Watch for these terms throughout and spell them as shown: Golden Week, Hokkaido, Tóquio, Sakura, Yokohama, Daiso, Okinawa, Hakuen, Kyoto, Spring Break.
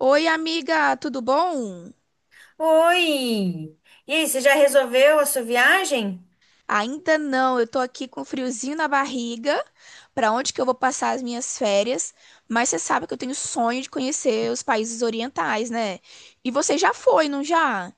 Oi, amiga, tudo bom? Oi! E aí, você já resolveu a sua viagem? Ainda não, eu tô aqui com friozinho na barriga, pra onde que eu vou passar as minhas férias, mas você sabe que eu tenho sonho de conhecer os países orientais, né? E você já foi, não já?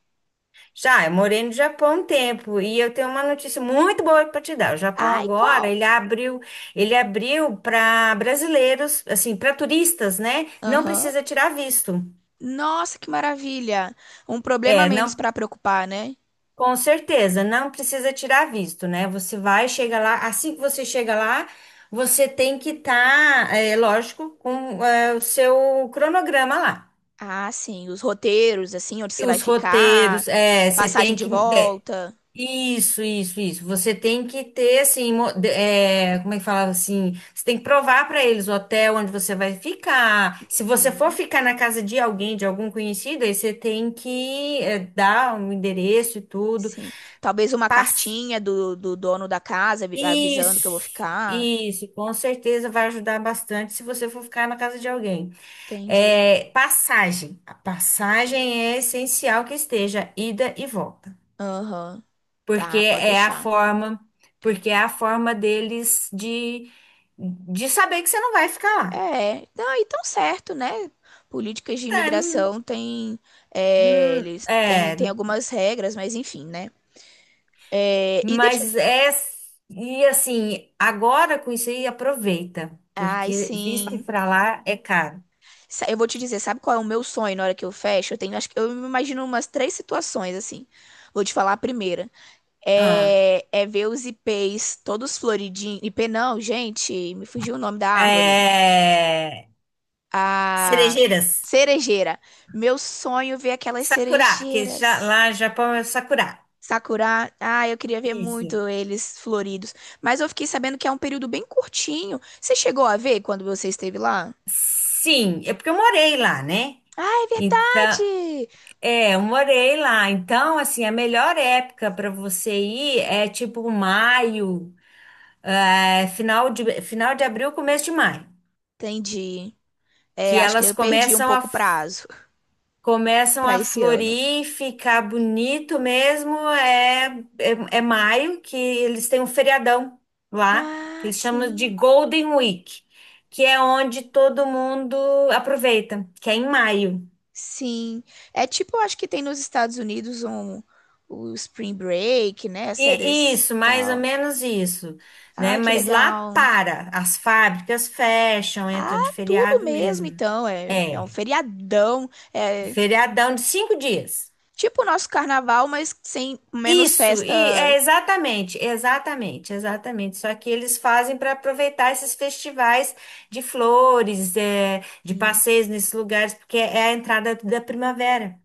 Já, eu morei no Japão um tempo e eu tenho uma notícia muito boa para te dar. O Japão Ai, agora, qual? ele abriu para brasileiros, assim, para turistas, né? Não Aham. precisa tirar visto. Nossa, que maravilha! Um problema a É, menos não, pra preocupar, né? com certeza, não precisa tirar visto, né? Você vai, chega lá, assim que você chega lá, você tem que estar, é lógico, com o seu cronograma lá. Ah, sim, os roteiros, assim, onde E você vai os roteiros, ficar, você passagem tem de que. é, volta. Isso, isso, isso. Você tem que ter, assim, como é que falava assim? Você tem que provar para eles o hotel onde você vai ficar. Se você for Uhum. ficar na casa de alguém, de algum conhecido, aí você tem que dar um endereço e tudo. Sim. Talvez uma Pass... cartinha do dono da casa avisando que eu vou Isso, ficar. isso. Com certeza vai ajudar bastante se você for ficar na casa de alguém. Entendi. É, passagem. A Sim. passagem é essencial que esteja ida e volta. Aham. Porque Tá, pode é a deixar. forma, porque é a forma deles de saber que você não vai ficar lá. É, não, e tão certo, né? Políticas de Tá. imigração têm, Hum. eles têm É, algumas regras, mas enfim, né? É, e deixa eu... mas te- e assim, agora com isso aí aproveita, Ai, porque visto sim. pra lá é caro. Eu vou te dizer, sabe qual é o meu sonho na hora que eu fecho? Eu tenho, acho que eu me imagino umas três situações assim. Vou te falar a primeira. Ah, É ver os ipês todos floridinhos. Ipê não, gente, me fugiu o nome da árvore. é, A cerejeiras, cerejeira. Meu sonho é ver aquelas Sakura, que já, cerejeiras. lá no Japão é Sakura. Sakura, eu queria ver Isso. muito eles floridos. Mas eu fiquei sabendo que é um período bem curtinho. Você chegou a ver quando você esteve lá? Sim, é porque eu morei lá, né? Ah, é Então, verdade! Eu morei lá. Então, assim, a melhor época para você ir é tipo maio, final de abril, começo de maio, Entendi. É, que acho que elas eu perdi um começam a pouco o prazo começam para a esse ano. florir, ficar bonito mesmo. É maio que eles têm um feriadão lá, que Ah, eles chamam de sim. Golden Week, que é onde todo mundo aproveita, que é em maio. Sim, é tipo, eu acho que tem nos Estados Unidos um, o Spring Break, né? As séries Isso, e mais ou tal. menos isso, né? Ai, que Mas lá legal. para, as fábricas fecham, Ah, entra de tudo feriado mesmo, mesmo. então. É um É, feriadão. É feriadão de 5 dias. tipo o nosso carnaval, mas sem menos Isso, e é festa. exatamente, exatamente, exatamente. Só que eles fazem para aproveitar esses festivais de flores, de Sim. passeios nesses lugares, porque é a entrada da primavera,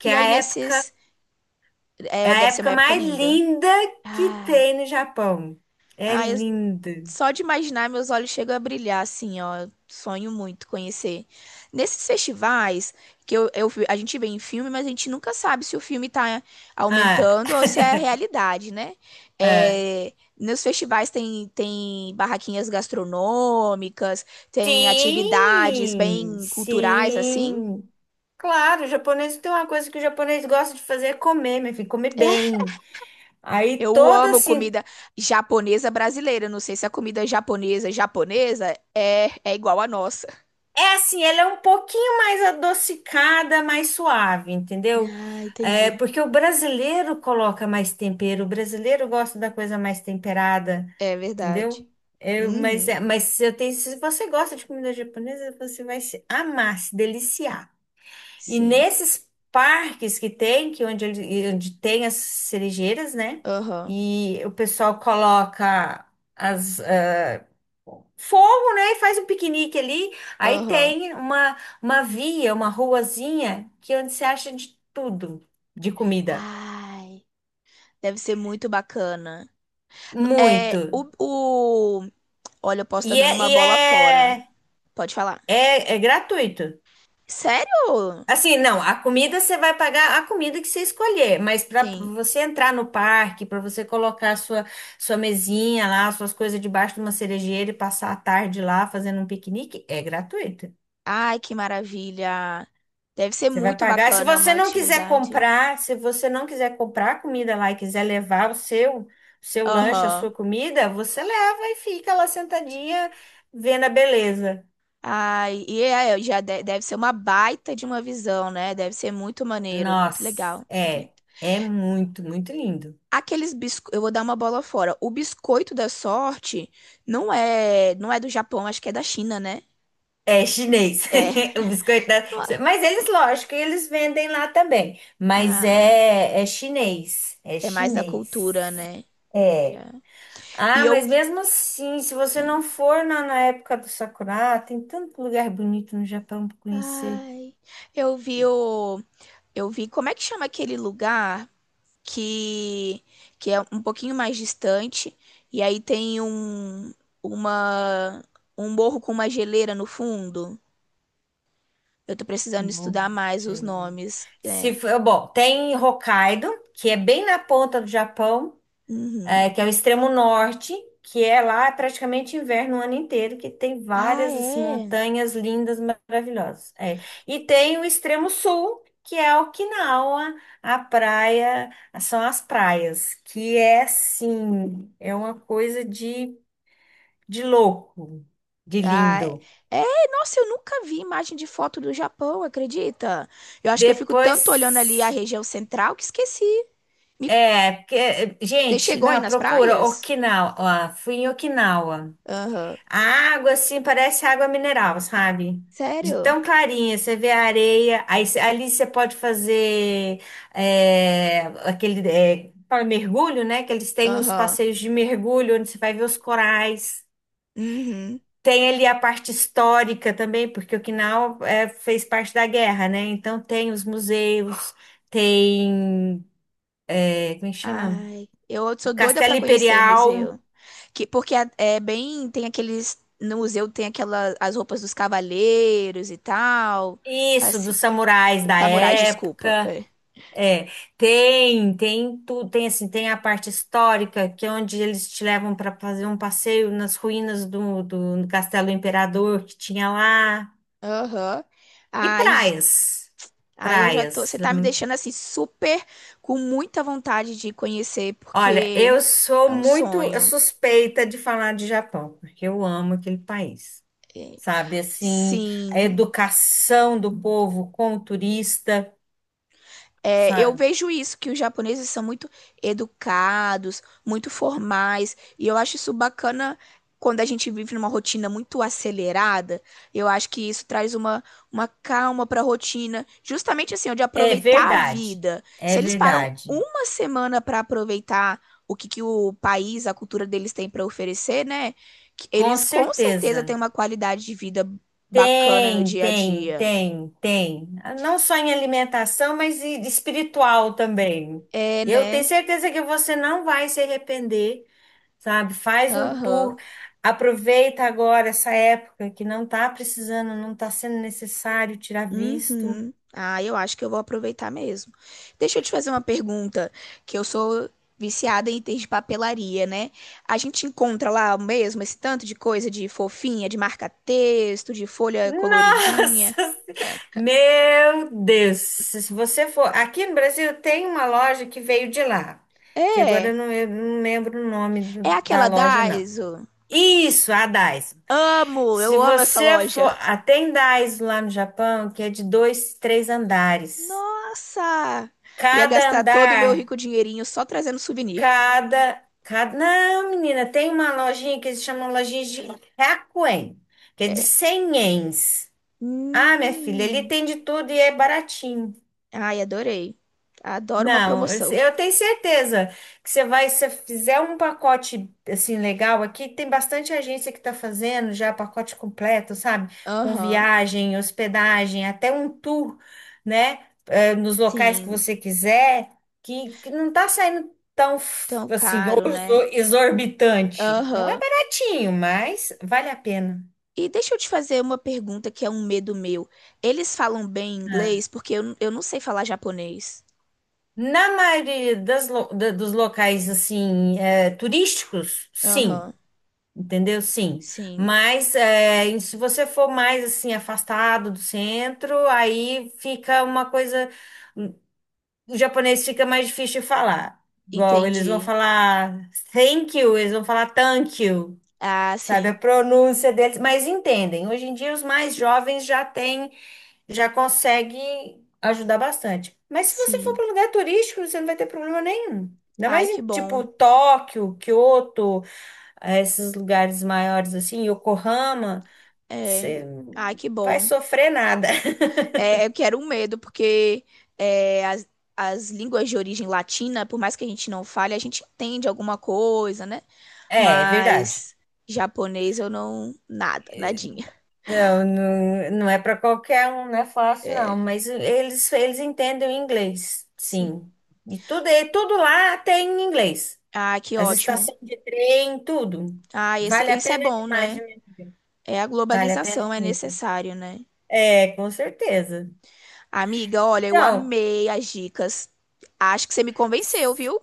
que é E a aí, época, nesses. é a Deve ser uma época época mais linda. linda que Ai. tem no Japão. É Ai, eu linda. só de imaginar, meus olhos chegam a brilhar, assim, ó. Sonho muito conhecer. Nesses festivais, que a gente vê em filme, mas a gente nunca sabe se o filme tá Ah, aumentando ou se é a realidade, né? é. É, nos festivais tem barraquinhas gastronômicas, tem atividades Sim, bem culturais, assim. sim. Claro, o japonês tem uma coisa que o japonês gosta de fazer é comer, meu filho, comer bem. Aí Eu toda amo assim, comida japonesa brasileira. Não sei se a comida japonesa japonesa é igual à nossa. é assim, ela é um pouquinho mais adocicada, mais suave, entendeu? Ah, É, entendi. porque o brasileiro coloca mais tempero, o brasileiro gosta da coisa mais temperada, É verdade. entendeu? Eu, mas, Uhum. é- mas eu tenho, se você gosta de comida japonesa, você vai se amar, se deliciar. E Sim. nesses parques que tem, que é onde, onde tem as cerejeiras, né? Aham. E o pessoal coloca as ah, fogo, né? E faz um piquenique ali. Aí Aham. tem uma via, uma ruazinha, que é onde você acha de tudo de comida. Ai, deve ser muito bacana. Muito. É, o, o... Olha, eu posso E estar é, dando uma e bola fora. é, Pode falar. é gratuito. Sério? Assim, não, a comida você vai pagar a comida que você escolher, mas para Sim. você entrar no parque, para você colocar a sua mesinha lá, suas coisas debaixo de uma cerejeira e passar a tarde lá fazendo um piquenique, é gratuito. Ai, que maravilha. Deve ser Você vai muito pagar. Se bacana é uma você não quiser atividade. comprar a comida lá e quiser levar o seu lanche, a Aham. sua comida, você leva e fica lá sentadinha vendo a beleza. Ai, e é, já deve ser uma baita de uma visão, né? Deve ser muito maneiro, muito Nossa, legal. é muito, muito lindo. Aqueles biscoitos, eu vou dar uma bola fora. O biscoito da sorte não é do Japão, acho que é da China, né? É chinês. É. O biscoito da... Mas eles, lógico, eles vendem lá também. Mas Ah, é chinês. É é mais da chinês. cultura, né? É. Já. E Ah, eu, mas mesmo assim, se você não for na época do Sakura, tem tanto lugar bonito no Japão para conhecer. ai, eu vi o, eu vi como é que chama aquele lugar que que é um pouquinho mais distante e aí tem um uma um morro com uma geleira no fundo. Eu tô precisando Morro estudar mais de os Helena. nomes, Se né. for, bom, tem Hokkaido, que é bem na ponta do Japão. Uhum. É, que é o extremo norte, que é lá praticamente inverno o ano inteiro, que tem Ah, várias assim, é. montanhas lindas, maravilhosas. É. E tem o extremo sul, que é Okinawa, a praia, são as praias, que é assim, é uma coisa de louco, de Ah, lindo. é, nossa, eu nunca vi imagem de foto do Japão, acredita? Eu acho que eu fico Depois, tanto olhando ali a região central que esqueci. Me- porque, Você gente, chegou aí não, nas procura praias? Okinawa, fui em Okinawa. Aham. A água, assim, parece água mineral, sabe? De Sério? tão clarinha, você vê a areia, aí ali você pode fazer aquele fala mergulho, né? Que eles têm os Aham. passeios de mergulho, onde você vai ver os corais. Uhum. Tem ali a parte histórica também, porque Okinawa fez parte da guerra, né? Então tem os museus, tem, como é que chama? Ai, eu O sou doida Castelo pra conhecer Imperial, museu. Que, porque é bem, tem aqueles, no museu tem aquelas, as roupas dos cavaleiros e tal, isso, assim, dos samurais da samurais, desculpa. época. É. É, tem tudo, tem assim, tem a parte histórica, que é onde eles te levam para fazer um passeio nas ruínas do Castelo Imperador que tinha lá. Aham. E Ai, praias. aí eu já tô. Praias. Você tá me Hum. deixando assim super com muita vontade de conhecer, Olha, porque eu sou é um muito sonho. suspeita de falar de Japão, porque eu amo aquele país. É, Sabe, assim, a sim. educação do povo com o turista, É, eu sabe? vejo isso, que os japoneses são muito educados, muito formais, e eu acho isso bacana quando a gente vive numa rotina muito acelerada. Eu acho que isso traz uma calma para a rotina, justamente assim, ó, de É aproveitar a verdade. vida. É Se eles param verdade. uma semana para aproveitar o que, que o país, a cultura deles tem para oferecer, né? que Com Eles com certeza certeza. têm uma qualidade de vida bacana no Tem, dia a tem, dia. tem, tem. Não só em alimentação, mas e espiritual também. É, Eu tenho né? certeza que você não vai se arrepender, sabe? Faz um tour, Aham. aproveita agora essa época que não tá precisando, não tá sendo necessário tirar visto. Uhum. Ah, eu acho que eu vou aproveitar mesmo. Deixa eu te fazer uma pergunta, que eu sou viciada em itens de papelaria, né? A gente encontra lá mesmo esse tanto de coisa de fofinha, de marca-texto, de folha coloridinha. Nossa, meu Deus! Se você for, aqui no Brasil tem uma loja que veio de lá, que agora É, eu não lembro o nome é da aquela loja, não. Daiso. Isso, a Daiso. Amo, Se eu amo essa você loja. for. Tem Daiso lá no Japão que é de dois, três andares. Nossa! Ia Cada gastar todo o meu andar. rico dinheirinho só trazendo souvenir. Não, menina, tem uma lojinha que eles chamam lojinha de Hakuen, que é de 100 ienes. Ah, minha filha, ele Hum. tem de tudo e é baratinho. Ai, adorei. Adoro uma Não, eu promoção. eu tenho certeza que você vai, se você fizer um pacote assim legal aqui, tem bastante agência que está fazendo já pacote completo, sabe? Com Aham. viagem, hospedagem, até um tour, né? Nos locais que Sim. você quiser, que não tá saindo tão Tão assim, caro, né? exorbitante. Não é Aham. baratinho, mas vale a pena. E deixa eu te fazer uma pergunta que é um medo meu. Eles falam bem Ah. inglês? Porque eu não sei falar japonês. Na maioria das dos locais assim, turísticos, sim. Aham. Entendeu? Sim. Sim. Mas e se você for mais assim afastado do centro, aí fica uma coisa. O japonês fica mais difícil de falar. Igual eles vão Entendi. falar thank you, eles vão falar thank you, Ah, sabe? A sim. pronúncia deles. Mas entendem. Hoje em dia os mais jovens já têm, já conseguem ajudar bastante. Mas se você for Sim. para um lugar turístico, você não vai ter problema nenhum. Ainda Ai, mais em que tipo bom. Tóquio, Kyoto a esses lugares maiores assim, Yokohama, É. você Ai, que vai bom. sofrer nada. É, eu quero um medo, porque é, as, as línguas de origem latina, por mais que a gente não fale, a gente entende alguma coisa, né? É, é verdade. Mas japonês eu não. Nada, nadinha. Não, não, não é para qualquer um, não é fácil, É, não, mas eles entendem o inglês, sim. sim. E tudo lá tem inglês. Ah, que As ótimo. estações de trem, tudo. Ah, Vale a isso é pena bom, demais, né? viu? É a Vale a pena globalização, é muito. necessário, né? É, com certeza. Amiga, olha, eu Então, amei as dicas. Acho que você me convenceu, s- viu?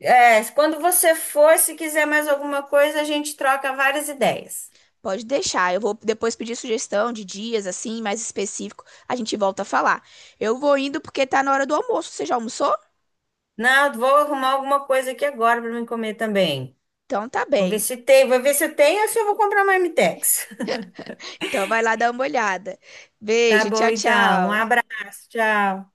quando você for, se quiser mais alguma coisa, a gente troca várias ideias. Pode deixar. Eu vou depois pedir sugestão de dias, assim, mais específico. A gente volta a falar. Eu vou indo porque tá na hora do almoço. Você já almoçou? Não, vou arrumar alguma coisa aqui agora para me comer também. Então tá Vou ver bem. se tem, vou ver se tem ou se eu vou comprar marmitex. Então vai lá dar uma olhada. Tá Beijo, bom, tchau, então. Um tchau. abraço, tchau.